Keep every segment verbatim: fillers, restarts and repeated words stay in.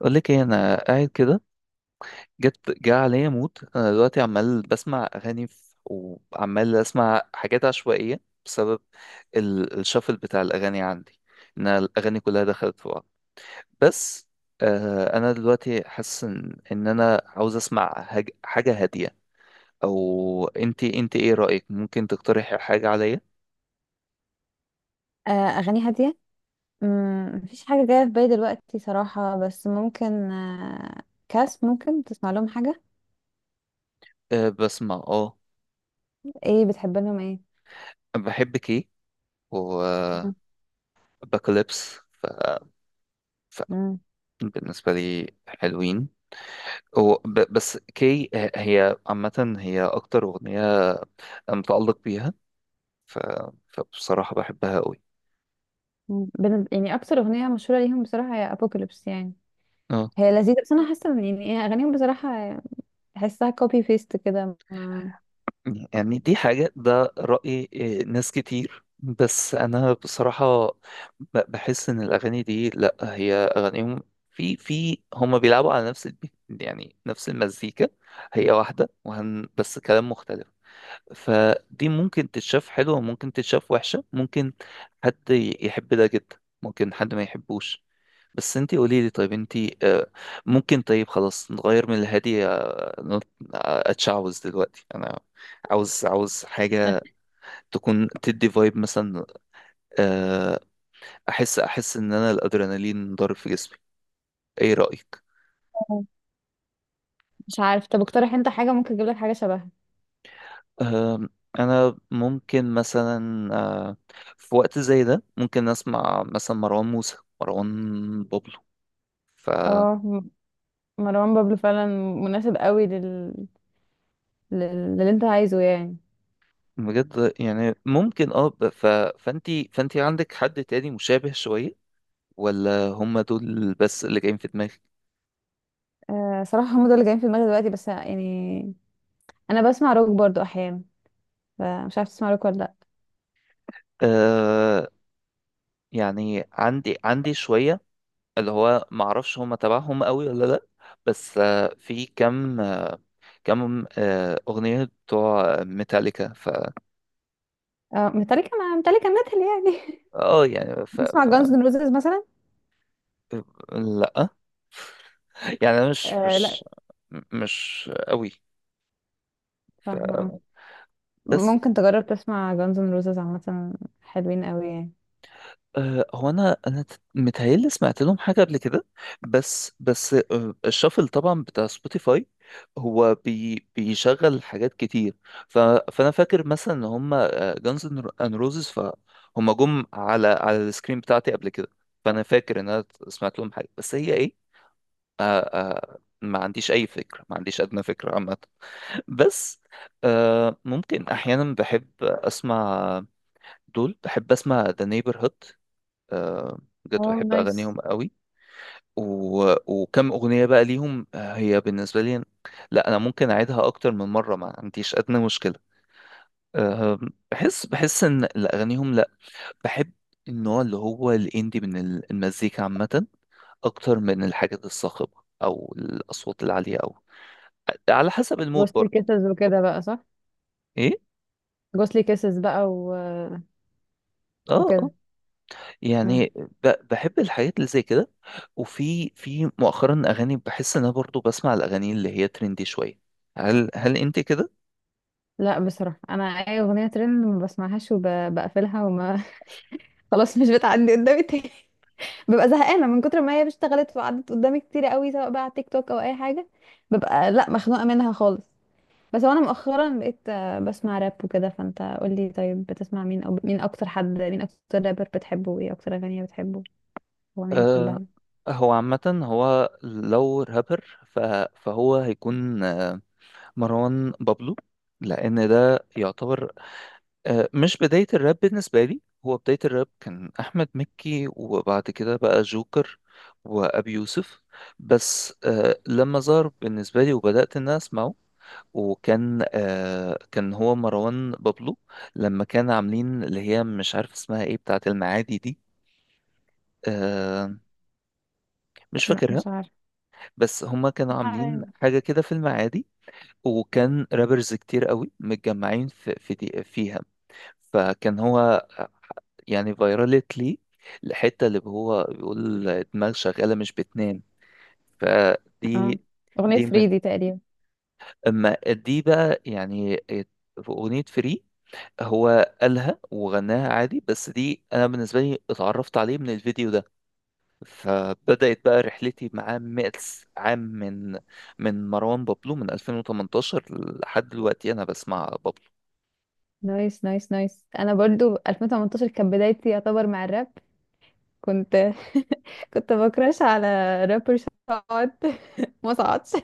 اقول لك ايه، انا قاعد كده. جت جه عليا موت. انا دلوقتي عمال بسمع اغاني ف- وعمال اسمع حاجات عشوائيه بسبب ال- الشفل بتاع الاغاني عندي، ان الاغاني كلها دخلت في بعض. بس آه انا دلوقتي حاسس ان إن انا عاوز اسمع هج- حاجه هاديه. او انت انت ايه رايك؟ ممكن تقترحي حاجه عليا؟ آه، أغاني هادية. مم، مفيش حاجة جاية في بالي دلوقتي صراحة، بس ممكن آه، كاس ممكن تسمع لهم حاجة. آه، بسمع، اه. ايه بتحب لهم ايه؟ بحبك ايه وباكليبس. مم. ف... ف... مم. بالنسبه لي حلوين. هو ب- بس كي ه- هي عامة، هي أكتر أغنية متعلق بيها. ف... فبصراحة بحبها قوي. مم. بن- يعني أكتر أغنية مشهورة ليهم بصراحة هي أبوكاليبس يعني. اه. هي لذيذة، بس أنا حاسة إن يعني إيه، أغانيهم بصراحة تحسها كوبي بيست كده ما- يعني دي حاجة، ده رأي إيه، ناس كتير. بس أنا بصراحة ب- بحس إن الأغاني دي، لأ، هي أغانيهم. في في هما بيلعبوا على نفس البي... يعني نفس المزيكا، هي واحدة وهن... بس كلام مختلف. فدي ممكن تتشاف حلوة، وممكن تتشاف وحشة. ممكن حد يحب ده جدا، ممكن حد ما يحبوش. بس انتي قولي لي. طيب انتي، آه، ممكن، طيب خلاص نغير من الهادي. آه، نط- آه، اتشعوذ دلوقتي انا. عاوز، عاوز حاجة تكون تدي فايب مثلا. آه، احس احس ان انا الادرينالين ضارب في جسمي. ايه رأيك؟ مش عارف، طب اقترح أنت حاجة ممكن أجيب لك حاجة شبهها. آم، انا ممكن مثلا، آه، في وقت زي ده ممكن اسمع مثلا مروان موسى، مروان بابلو. ف اه م- مروان بابلو فعلا مناسب قوي لل... لل... للي انت عايزه يعني. بجد يعني ممكن، اه، ب- ف... فانتي فانتي عندك حد تاني مشابه شوية؟ ولا هم دول بس اللي جايين في دماغك؟ أه صراحة هم دول اللي جايين في دماغي دلوقتي، بس يعني انا بسمع روك برضو احيانا، فمش عارفه تسمع روك ولا لا. آه. يعني عندي عندي شوية، اللي هو معرفش هم تبعهم قوي ولا لأ. بس آه في كم، آه، كم آه أغنية بتوع ميتاليكا. ف اه متلكه، مع متلكه ميتال يعني. اه يعني. ف... بتسمع ف جانز ان روزز مثلا؟ لأ، يعني أنا مش آه لا، مش مش قوي. ف فاهمه اه. بس ممكن تجرب تسمع جانز ان روزز، عامه حلوين قوي يعني. أه هو انا انا ت- متهيألي سمعت لهم حاجه قبل كده. بس بس أه، الشافل طبعا بتاع سبوتيفاي هو بي بيشغل حاجات كتير. ف فانا فاكر مثلا ان هم جانز ان روزز، فهم جم على على السكرين بتاعتي قبل كده. فانا فاكر ان انا سمعت لهم حاجه، بس هي ايه؟ أه أه ما عنديش اي فكره، ما عنديش ادنى فكره عامه. بس أه ممكن احيانا بحب اسمع دول، بحب اسمع ذا نيبرهود. آه، بجد اه بحب نايس. اغانيهم قوي. و... وكم اغنيه بقى ليهم، آه، هي بالنسبه لي، لا انا ممكن اعيدها اكتر من مره، ما عنديش ادنى مشكله. آه، بحس بحس ان، لا، اغانيهم، لا، بحب النوع اللي هو الاندي من ال- المزيكا عامه اكتر من الحاجات الصاخبه او الاصوات العاليه، او على حسب المود جوستلي برضو. كيسز وكده بقى، صح؟ ايه، جوستلي كيسز بقى و... اه. آه. وكده. مم. يعني ب- بحب الحاجات اللي زي كده. وفي في مؤخرا اغاني، بحس ان انا برضو بسمع الاغاني اللي هي ترندي شويه. هل هل انت كده؟ لا بصراحه انا اي اغنيه ترند ما بسمعهاش وبقفلها. خلاص مش بتعدي قدامي تاني. ببقى زهقانه من كتر ما هي اشتغلت وقعدت قدامي كتير قوي، سواء بقى على تيك توك او اي حاجه. ببقى لا مخنوقه منها خالص. بس وانا مؤخرا بقيت آه، بسمع راب وكده، فانت قول لي طيب بتسمع مين او مين، اكتر حد مين اكتر رابر بتحبه وايه اكتر اغنيه بتحبه اغنيه آه. بتحبها؟ هو عامه، هو لو رابر، ف- فهو هيكون، آه، مروان بابلو. لان ده يعتبر، آه مش بدايه الراب بالنسبه لي. هو بدايه الراب كان احمد مكي، وبعد كده بقى جوكر وابي يوسف. بس آه لما ظهر بالنسبه لي وبدات ان أنا اسمعه، وكان آه كان هو مروان بابلو، لما كان عاملين اللي هي مش عارف اسمها ايه، بتاعة المعادي دي. آه مش لا فاكرها. مش عارفه. بس هما كانوا عاملين عارف. حاجة كده في المعادي، وكان رابرز كتير قوي متجمعين في في دي فيها. فكان هو، آه، يعني فيرالت لي الحتة اللي هو بيقول دماغ شغالة مش بتنام. اه فدي اغنيه دي تلاتة من. دي تقريبا. اما دي بقى يعني، في أغنية فري هو قالها وغناها عادي، بس دي انا بالنسبه لي اتعرفت عليه من الفيديو ده. فبدات بقى رحلتي معاه مئتس عام، من من مروان بابلو، من ألفين وتمنتاشر لحد دلوقتي انا بسمع بابلو. نايس نايس نايس. انا برضو ألفين وتمنتاشر كانت بدايتي يعتبر مع الراب. كنت كنت بكراش على رابر شعبي ما صعدش.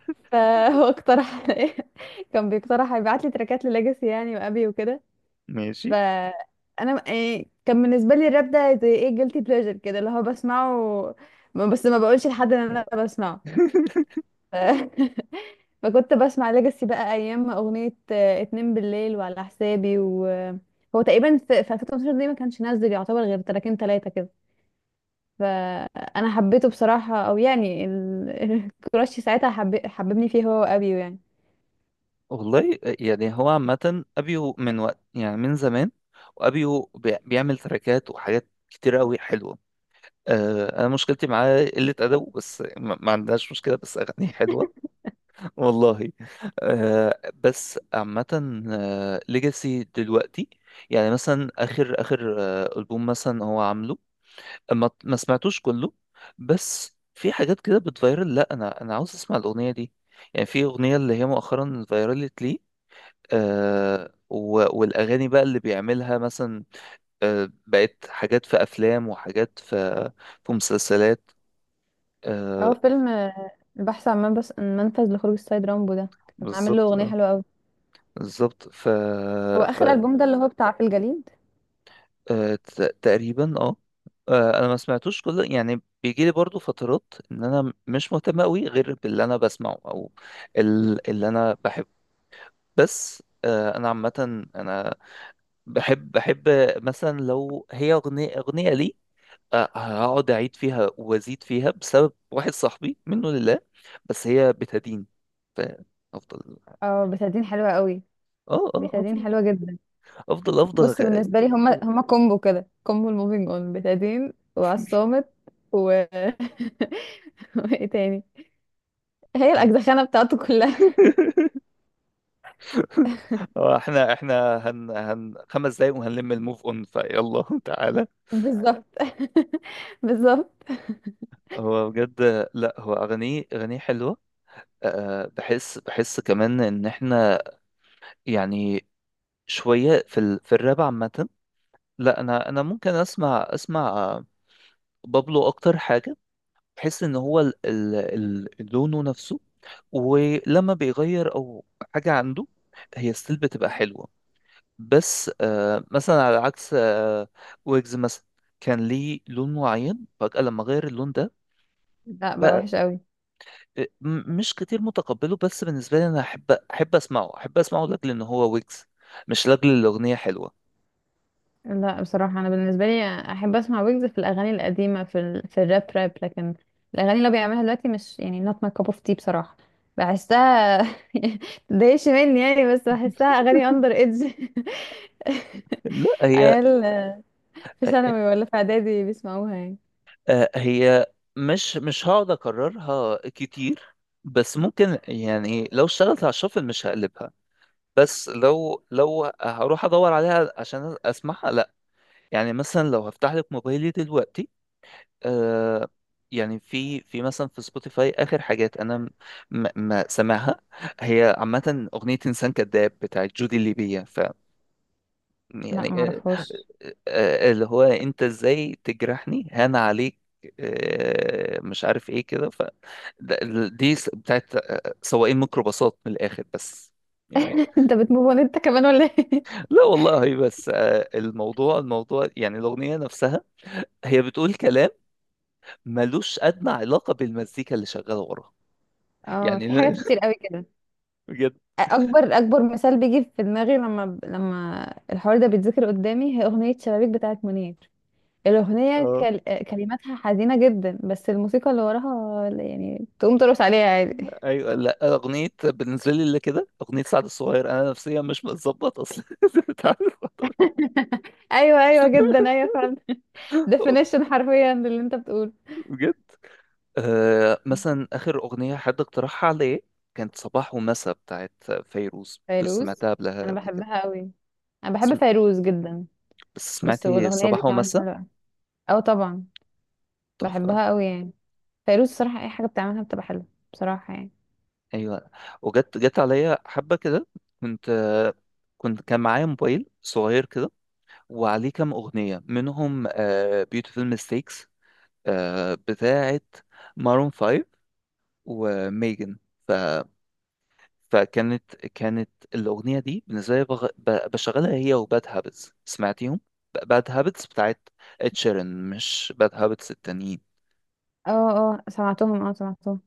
فهو اقترح كان بيقترح يبعت لي تراكات لليجاسي يعني وابي وكده. ماشي. فانا إيه، كان بالنسبه لي الراب ده زي ايه، جيلتي بليجر كده اللي هو بسمعه بس ما بقولش لحد ان انا بسمعه. ف... فكنت بسمع ليجاسي بقى ايام اغنيه آه، اتنين بالليل وعلى حسابي، وهو تقريبا في في ألفين واتناشر دي ما كانش نازل يعتبر غير تراكين تلاتة كده. فانا حبيته بصراحه، او يعني ال... الكراش ساعتها حب... حببني فيه هو وابيو يعني. والله يعني هو عامه، ابيو من وقت، يعني من زمان. وابيو بي- بيعمل تراكات وحاجات كتير قوي حلوه. آه، انا مشكلتي معاه قله ادبه، بس ما ما عندهاش مشكله، بس اغانيه حلوه، والله. آه بس عامة، ليجاسي دلوقتي، يعني مثلا آخر آخر آه ألبوم مثلا هو عامله، ما, ما سمعتوش كله. بس في حاجات كده بتفيرل، لا أنا أنا عاوز أسمع الأغنية دي. يعني في أغنية اللي هي مؤخرا فيرلت لي. آه و- والأغاني بقى اللي بيعملها مثلا آه بقت حاجات في أفلام، وحاجات في في مسلسلات. هو آه. فيلم آه، البحث عن منبس- منفذ لخروج السيد رامبو ده، كان عامل له بالظبط، اغنيه آه، حلوه قوي. بالظبط. ف هو ف اخر البوم ده اللي هو بتاع في الجليد. آه، ت- تقريبا، اه. آه، انا ما سمعتوش كله، يعني بيجي لي برضو فترات ان انا مش مهتم قوي غير باللي انا بسمعه او ال- اللي انا بحبه. بس آه، انا عامه، انا بحب بحب مثلا لو هي اغنيه، اغنيه لي، آه، هقعد اعيد فيها وازيد فيها بسبب واحد صاحبي، منه لله. بس هي بتدين. فافضل. اه بتادين حلوه قوي. اه اه بتادين افضل، حلوه جدا. افضل افضل بص أغ- بالنسبه لي هما هما كومبو كده، كومبو الموفينج اون، بتادين وعصامت. و وايه تاني. هي الاجزخانه بتاعته كلها. هو احنا احنا هن هن خمس دقايق وهنلم الموف اون فيلا. تعالى. بالظبط. بالظبط. هو بجد، لا هو اغانيه اغانيه حلوه. أه بحس بحس كمان ان احنا يعني شويه في ال في الراب عامه. لا انا انا ممكن اسمع اسمع آه، بابلو اكتر حاجه. بحس ان هو ال ال ال لونه نفسه، ولما بيغير او حاجه عنده، هي ستيل بتبقى حلوه. بس آه مثلا على عكس آه ويجز مثلا، كان ليه لون معين، فجأة لما غير اللون ده لا بقى بقى، وحش قوي. آه، م- مش كتير متقبله. بس بالنسبة لي أنا أحب أحب أسمعه، أحب أسمعه لأجل إن هو ويجز، مش لأجل الأغنية حلوة. لا بصراحة أنا بالنسبة لي أحب أسمع ويجز في الأغاني القديمة في ال... في الراب راب، لكن الأغاني اللي هو بيعملها دلوقتي مش يعني not my cup of tea بصراحة. بحسها متضايقش مني يعني، بس بحسها أغاني under age. لا هي، عيال في ثانوي ولا في إعدادي بيسمعوها يعني. آه، هي مش مش هقعد اكررها كتير، بس ممكن يعني لو اشتغلت على الشفل مش هقلبها، بس لو لو هروح ادور عليها عشان اسمعها لا. يعني مثلا لو هفتح لك موبايلي دلوقتي، آه يعني في في مثلا في سبوتيفاي اخر حاجات انا، م- م- ما سامعها. هي عامه اغنيه انسان كذاب بتاعت جودي الليبيه. ف لا يعني آه معرفهاش. آه اللي هو، انت ازاي تجرحني هان عليك، آه مش عارف ايه كده. ف ده- دي س- بتاعت، آه، سواقين ميكروباصات من الاخر. بس يعني، أنت بتموفون أنت كمان ولا إيه؟ لا والله هي، بس آه الموضوع الموضوع يعني الاغنيه نفسها، هي بتقول كلام ملوش ادنى علاقه بالمزيكا اللي شغاله وراها. اه في يعني حاجات كتير قوي كده. بجد. اكبر اكبر مثال بيجي في دماغي، لما لما الحوار ده بيتذكر قدامي، هي اغنيه شبابيك بتاعت منير. الأغنية اه، كل... كلماتها حزينة جدا، بس الموسيقى اللي وراها يعني تقوم ترقص عليها عادي. ايوه. لا، اغنيه بالنسبه لي اللي كده اغنيه سعد الصغير، انا نفسيا مش متظبط اصلا. أنت عارف. أيوة أيوة جدا أيوة فعلا. definition حرفيا للي أنت بتقوله. بجد، آه مثلا اخر اغنيه حد اقترحها عليا كانت صباح ومساء بتاعت فيروز، كنت فيروز سمعتها قبلها أنا قبل كده. بحبها قوي. أنا بحب سم... فيروز جدا. بس بس سمعتي والأغنية دي صباح كمان ومساء؟ حلوة. أه طبعا. تحفه. بحبها قوي يعني. فيروز الصراحة أي حاجة بتعملها بتبقى حلوة بصراحة يعني. ايوه، وجت جت عليا حبه كده، كنت، آه، كنت كان معايا موبايل صغير كده، وعليه كام اغنيه منهم. بيوتيفول ميستيكس، آه، بتاعة مارون فايف وميجن. ف... فكانت كانت الأغنية دي بالنسبة لي، بغ... ب... بشغلها هي وباد هابتس. سمعتيهم؟ باد هابتس بتاعت اتشيرن، مش باد هابتس التانيين. اه اه سمعتهم اه سمعتهم.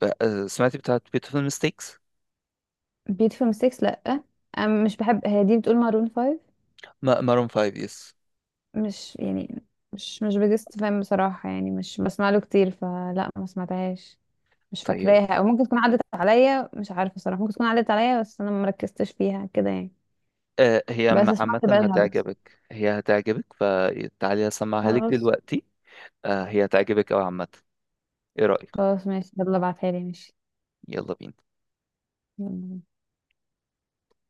ب... آه، سمعتي بتاعت بيوتيفول ميستيكس؟ beautiful mistakes لأ. أنا مش بحب، هي دي بتقول maroon فايف؟ مارون فايف، يس. مش يعني، مش مش بجست فاهم بصراحة يعني، مش بسمع له كتير، فلا ما سمعتهاش. مش طيب، فاكراها او ممكن تكون عدت عليا، مش عارفة صراحة، ممكن تكون عدت عليا بس انا مركزتش فيها كده يعني. آه، هي بس عم- عامة سمعت بقى هابت. هتعجبك، هي هتعجبك فتعالي أسمعها لك خلاص. دلوقتي. آه، هي هتعجبك أوي عامة. إيه رأيك؟ خلاص ماشي يلا ابعتها لي ماشي. يلا بينا. يلا.